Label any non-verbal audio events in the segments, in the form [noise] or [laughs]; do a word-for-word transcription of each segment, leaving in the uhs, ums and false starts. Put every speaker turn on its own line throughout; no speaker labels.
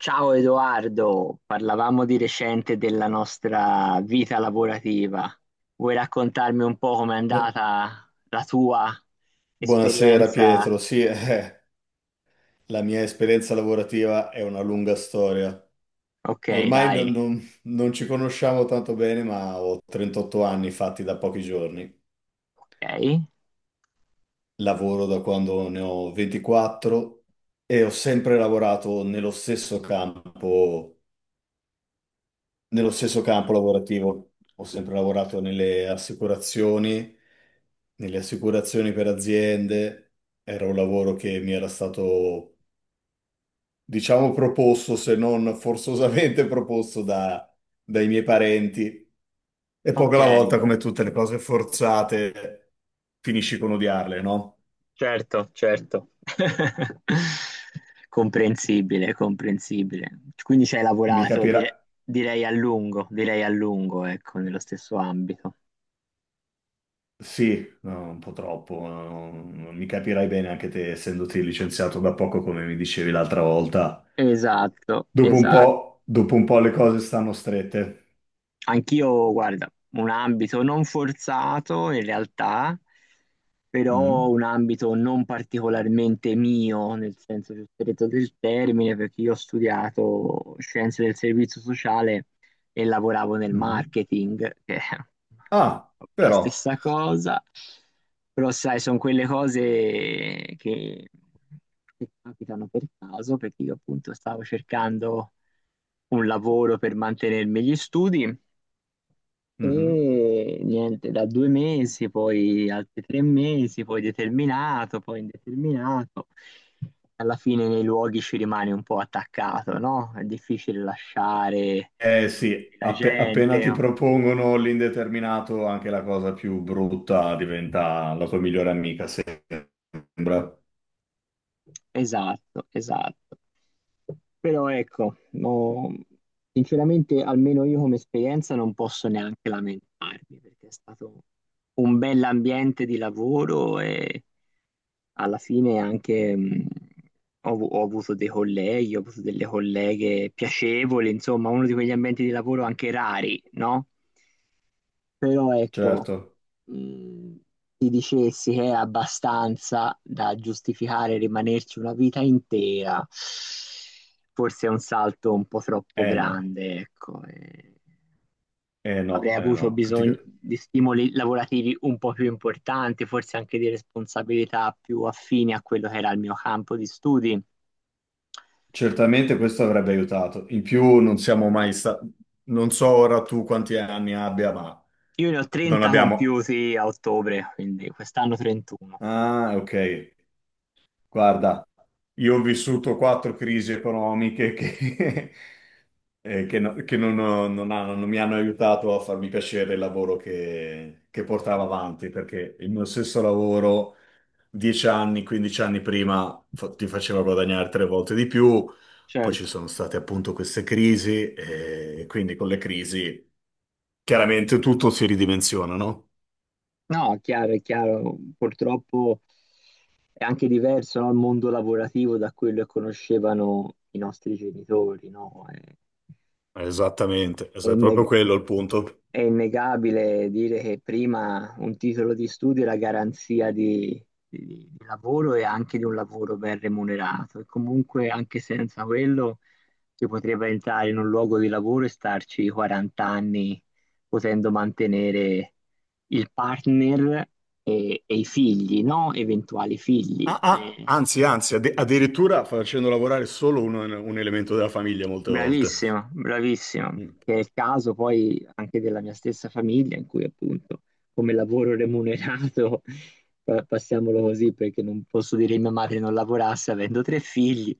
Ciao Edoardo, parlavamo di recente della nostra vita lavorativa. Vuoi raccontarmi un po' com'è
Bu-
andata la tua
Buonasera
esperienza?
Pietro, sì, [laughs] eh, la mia esperienza lavorativa è una lunga storia.
Ok,
Ormai
dai,
non, non- non ci conosciamo tanto bene, ma ho trentotto anni fatti da pochi giorni.
ok,
Lavoro da quando ne ho ventiquattro e ho sempre lavorato nello stesso campo, nello stesso campo lavorativo. Ho sempre lavorato nelle assicurazioni, nelle assicurazioni per aziende. Era un lavoro che mi era stato diciamo proposto, se non forzosamente [laughs] proposto da- dai miei parenti. E poco
ok,
alla volta, come tutte le cose forzate, finisci con odiarle, no?
certo, certo. [laughs] Comprensibile, comprensibile. Quindi ci hai
Mi
lavorato
capirà.
dire- direi a lungo, direi a lungo, ecco, nello stesso ambito.
Sì, no, un po' troppo. No, non mi capirai bene anche te, essendoti licenziato da poco, come mi dicevi l'altra volta.
Esatto,
Dopo un
esatto.
po', dopo un po' le cose stanno strette.
Anch'io, guarda, un ambito non forzato in realtà, però
Mhm,
un ambito non particolarmente mio, nel senso più stretto del termine, perché io ho studiato scienze del servizio sociale e lavoravo nel
mhm.
marketing, che [laughs] è non
Ah,
proprio la
però.
stessa cosa, però sai, sono quelle cose che, che capitano per caso, perché io appunto stavo cercando un lavoro per mantenermi gli studi.
Mhm.
E niente, da due mesi, poi altri tre mesi, poi determinato, poi indeterminato. Alla fine nei luoghi ci rimani un po' attaccato, no? È difficile lasciare
Eh sì,
la
appe- appena ti
gente.
propongono l'indeterminato, anche la cosa più brutta diventa la tua migliore amica, sembra.
Esatto, esatto. Però ecco, no, sinceramente almeno io come esperienza non posso neanche lamentarmi perché è stato un bell'ambiente di lavoro e alla fine anche mh, ho, avu- ho avuto dei colleghi, ho avuto delle colleghe piacevoli, insomma, uno di quegli ambienti di lavoro anche rari, no? Però ecco,
Certo.
mh, ti dicessi che è abbastanza da giustificare rimanerci una vita intera, forse è un salto un po' troppo
Eh no,
grande, ecco. Eh
eh no,
avrei
eh
avuto
no. Ti-
bisogno di stimoli lavorativi un po' più importanti, forse anche di responsabilità più affini a quello che era il mio campo di studi.
Certamente questo avrebbe aiutato. In più non siamo mai stati. Non so ora tu quanti anni abbia, ma
Io ne ho
non
trenta
abbiamo.
compiuti a ottobre, quindi quest'anno trentuno.
Ah, ok. Guarda, io ho vissuto quattro crisi economiche che, [laughs] eh, che no- che non, ho- non hanno- non mi hanno aiutato a farmi piacere il lavoro che, che portavo avanti, perché il mio stesso lavoro, dieci anni, quindici anni prima, fa- ti faceva guadagnare tre volte di più, poi ci
Certo,
sono state appunto queste crisi, e quindi con le crisi chiaramente tutto si ridimensiona, no?
no, è chiaro, è chiaro, purtroppo è anche diverso, no, il mondo lavorativo da quello che conoscevano i nostri genitori, no? È,
Esattamente,
è
es- è proprio
inne-
quello il punto.
È innegabile dire che prima un titolo di studio era garanzia di, di- di lavoro e anche di un lavoro ben remunerato. E comunque, anche senza quello, si potrebbe entrare in un luogo di lavoro e starci quaranta anni potendo mantenere il partner e, e i figli, no? Eventuali figli.
Ah, ah,
Eh,
anzi, anzi, adde- addirittura facendo lavorare solo un, un elemento della famiglia molte volte.
Bravissimo, bravissimo,
Mm,
che è il caso poi anche della mia stessa famiglia, in cui appunto come lavoro remunerato, [laughs] pa- passiamolo così perché non posso dire che mia madre non lavorasse avendo tre figli.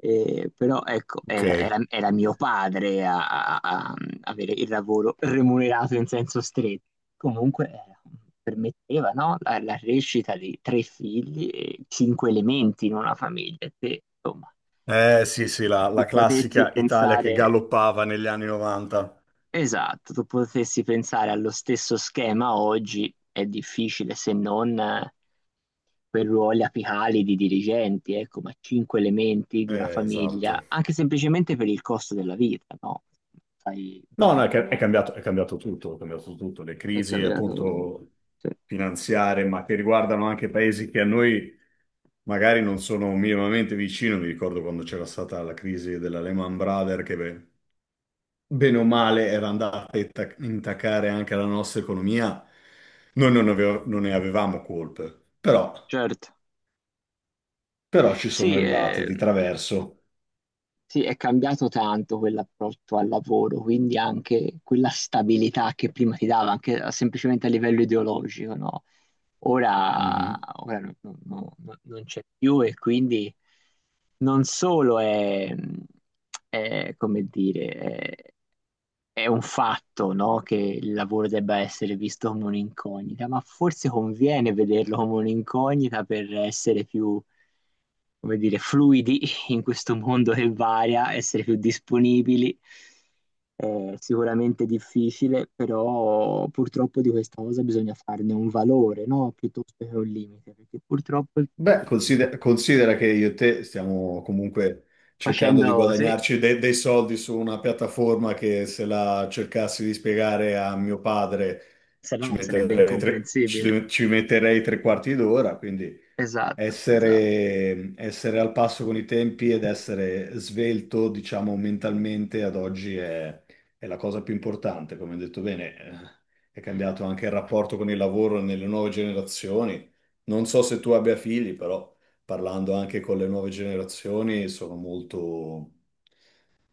Eh, però ecco, era,
ok.
era- era mio padre a, a- a avere il lavoro remunerato in senso stretto. Comunque era- permetteva, no, la, la crescita di tre figli e cinque elementi in una famiglia, se insomma
Eh sì, sì, la, la
tu potessi
classica Italia che
pensare,
galoppava negli anni novanta.
esatto, tu potessi pensare allo stesso schema oggi è difficile se non eh, per ruoli apicali di dirigenti, ecco, ma cinque elementi di una
Eh, esatto.
famiglia, anche semplicemente per il costo della vita, no? Sai
No, no, è,
bene,
ca- è
meglio di
cambiato,
me.
è cambiato tutto, è cambiato tutto. Le
È
crisi,
cambiato.
appunto,
Sì,
finanziarie, ma che riguardano anche paesi che a noi magari non sono minimamente vicino. Mi ricordo quando c'era stata la crisi della Lehman Brothers, che beh, bene o male era andata a intac- intaccare anche la nostra economia, noi non, aveva- non ne avevamo colpe, però,
certo.
però ci sono
Sì,
arrivate di
ehm,
traverso.
sì, è cambiato tanto quell'approccio al lavoro, quindi anche quella stabilità che prima ti dava, anche a- semplicemente a livello ideologico, no? Ora,
Mhm.
ora no- no- no- no- non c'è più e quindi non solo è, è, come dire, è, è un fatto, no? Che il lavoro debba essere visto come un'incognita, ma forse conviene vederlo come un'incognita per essere più come dire, fluidi [laughs] in questo mondo che varia, essere più disponibili. È sicuramente difficile, però purtroppo di questa cosa bisogna farne un valore, no? Piuttosto che un limite, perché purtroppo eh,
Beh, consider- considera, che io e te stiamo comunque cercando di
facendo sì, se
guadagnarci de- dei soldi su una piattaforma che se la cercassi di spiegare a mio padre ci
sarà sarebbe
metterei tre,
incomprensibile.
ci- ci metterei tre quarti d'ora, quindi
Esatto, esatto.
essere, essere al passo con i tempi ed essere svelto, diciamo, mentalmente ad oggi è, è la cosa più importante, come hai detto bene. eh, È cambiato anche il rapporto con il lavoro nelle nuove generazioni. Non so se tu abbia figli, però parlando anche con le nuove generazioni sono molto,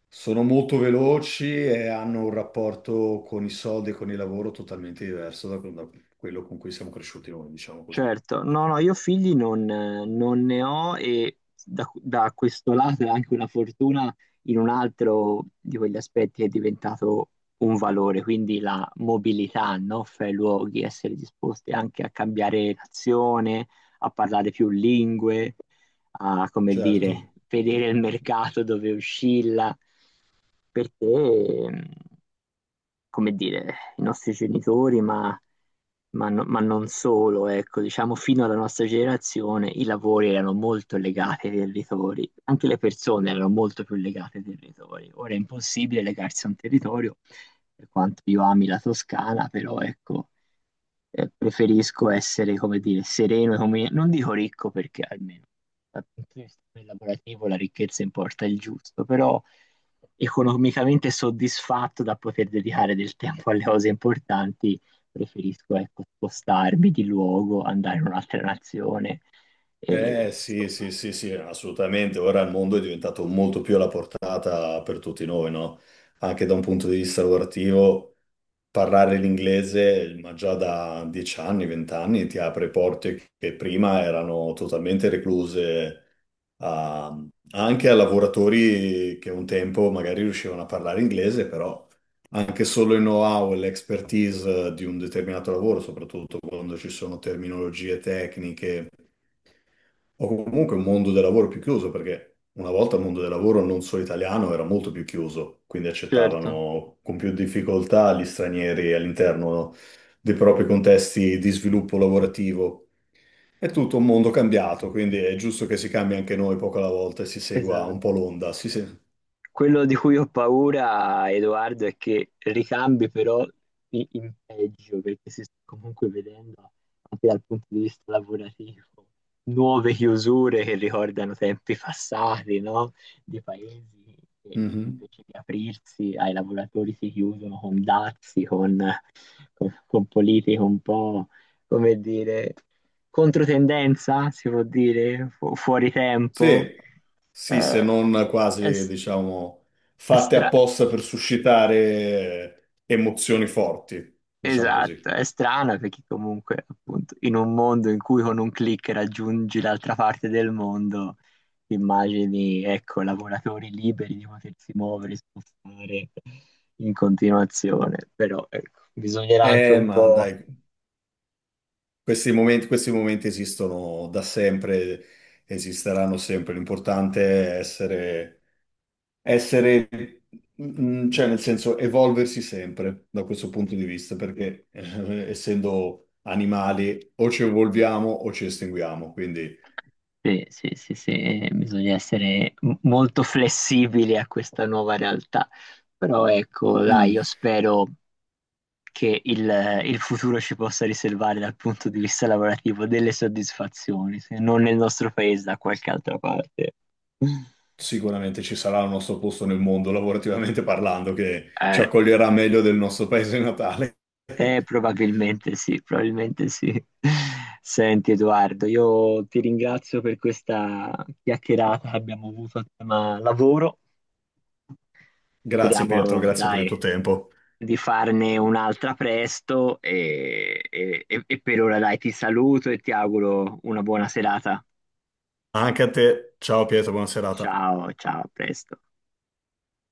sono molto veloci e hanno un rapporto con i soldi e con il lavoro totalmente diverso da, da quello con cui siamo cresciuti noi, diciamo così.
Certo, no, no, io figli non, non ne ho e da, da questo lato è anche una fortuna in un altro di quegli aspetti che è diventato un valore, quindi la mobilità, no? Fra i luoghi, essere disposti anche a cambiare nazione, a parlare più lingue, a, come
Certo.
dire, vedere il mercato dove oscilla, perché, mh, come dire, i nostri genitori, ma, ma no- ma non solo, ecco, diciamo fino alla nostra generazione i lavori erano molto legati ai territori, anche le persone erano molto più legate ai territori. Ora è impossibile legarsi a un territorio, per quanto io ami la Toscana, però ecco eh, preferisco essere, come dire, sereno, e come- non dico ricco perché almeno dal punto di vista lavorativo la ricchezza importa il giusto, però economicamente soddisfatto da poter dedicare del tempo alle cose importanti, preferisco ecco, spostarmi di luogo, andare in un'altra nazione.
Eh
E,
sì, sì,
insomma,
sì, sì, assolutamente. Ora il mondo è diventato molto più alla portata per tutti noi, no? Anche da un punto di vista lavorativo. Parlare l'inglese, ma già da dieci anni, venti anni, ti apre porte che prima erano totalmente recluse a- anche a lavoratori che un tempo magari riuscivano a parlare inglese, però anche solo il know-how e l'expertise di un determinato lavoro, soprattutto quando ci sono terminologie tecniche o comunque un mondo del lavoro più chiuso, perché una volta il mondo del lavoro non solo italiano era molto più chiuso, quindi
certo,
accettavano con più difficoltà gli stranieri all'interno dei propri contesti di sviluppo lavorativo. È tutto un mondo cambiato, quindi è giusto che si cambi anche noi poco alla volta e si segua un
esatto.
po' l'onda. Sì, sì.
Quello di cui ho paura, Edoardo, è che ricambi però i- in peggio, perché si sta comunque vedendo anche dal punto di vista lavorativo nuove chiusure che ricordano tempi passati, no? Di paesi che
Mhm.
invece di aprirsi ai lavoratori si chiudono con dazi, con, con, con politiche un po', come dire, controtendenza, si può dire, fu- fuori tempo.
Sì, sì, se
Eh,
non
è,
quasi,
s-
diciamo,
è
fatte
stra-
apposta per suscitare eh, emozioni forti, diciamo
Esatto,
così.
è strana perché comunque appunto in un mondo in cui con un click raggiungi l'altra parte del mondo, immagini, ecco, lavoratori liberi di potersi muovere, spostare in continuazione, però ecco, bisognerà anche
Eh,
un
ma
po'...
dai. Questi momenti, questi momenti esistono da sempre, esisteranno sempre. L'importante è essere, essere, mm, cioè nel senso, evolversi sempre da questo punto di vista, perché eh, essendo animali o ci evolviamo o ci estinguiamo. Quindi
Sì, sì, sì, sì, eh, bisogna essere m- molto flessibili a questa nuova realtà, però ecco, dai,
mm,
io spero che il, eh, il futuro ci possa riservare dal punto di vista lavorativo delle soddisfazioni, se non nel nostro paese, da qualche altra parte.
sicuramente ci sarà il nostro posto nel mondo, lavorativamente parlando, che ci
Eh,
accoglierà meglio del nostro paese natale.
eh, Probabilmente sì, probabilmente sì. Senti Edoardo, io ti ringrazio per questa chiacchierata che abbiamo avuto a tema lavoro.
Grazie Pietro,
Speriamo,
grazie per il
dai,
tuo tempo.
di farne un'altra presto e, e e- e per ora, dai, ti saluto e ti auguro una buona serata.
Anche a te. Ciao Pietro, buona serata.
Ciao, ciao, a presto.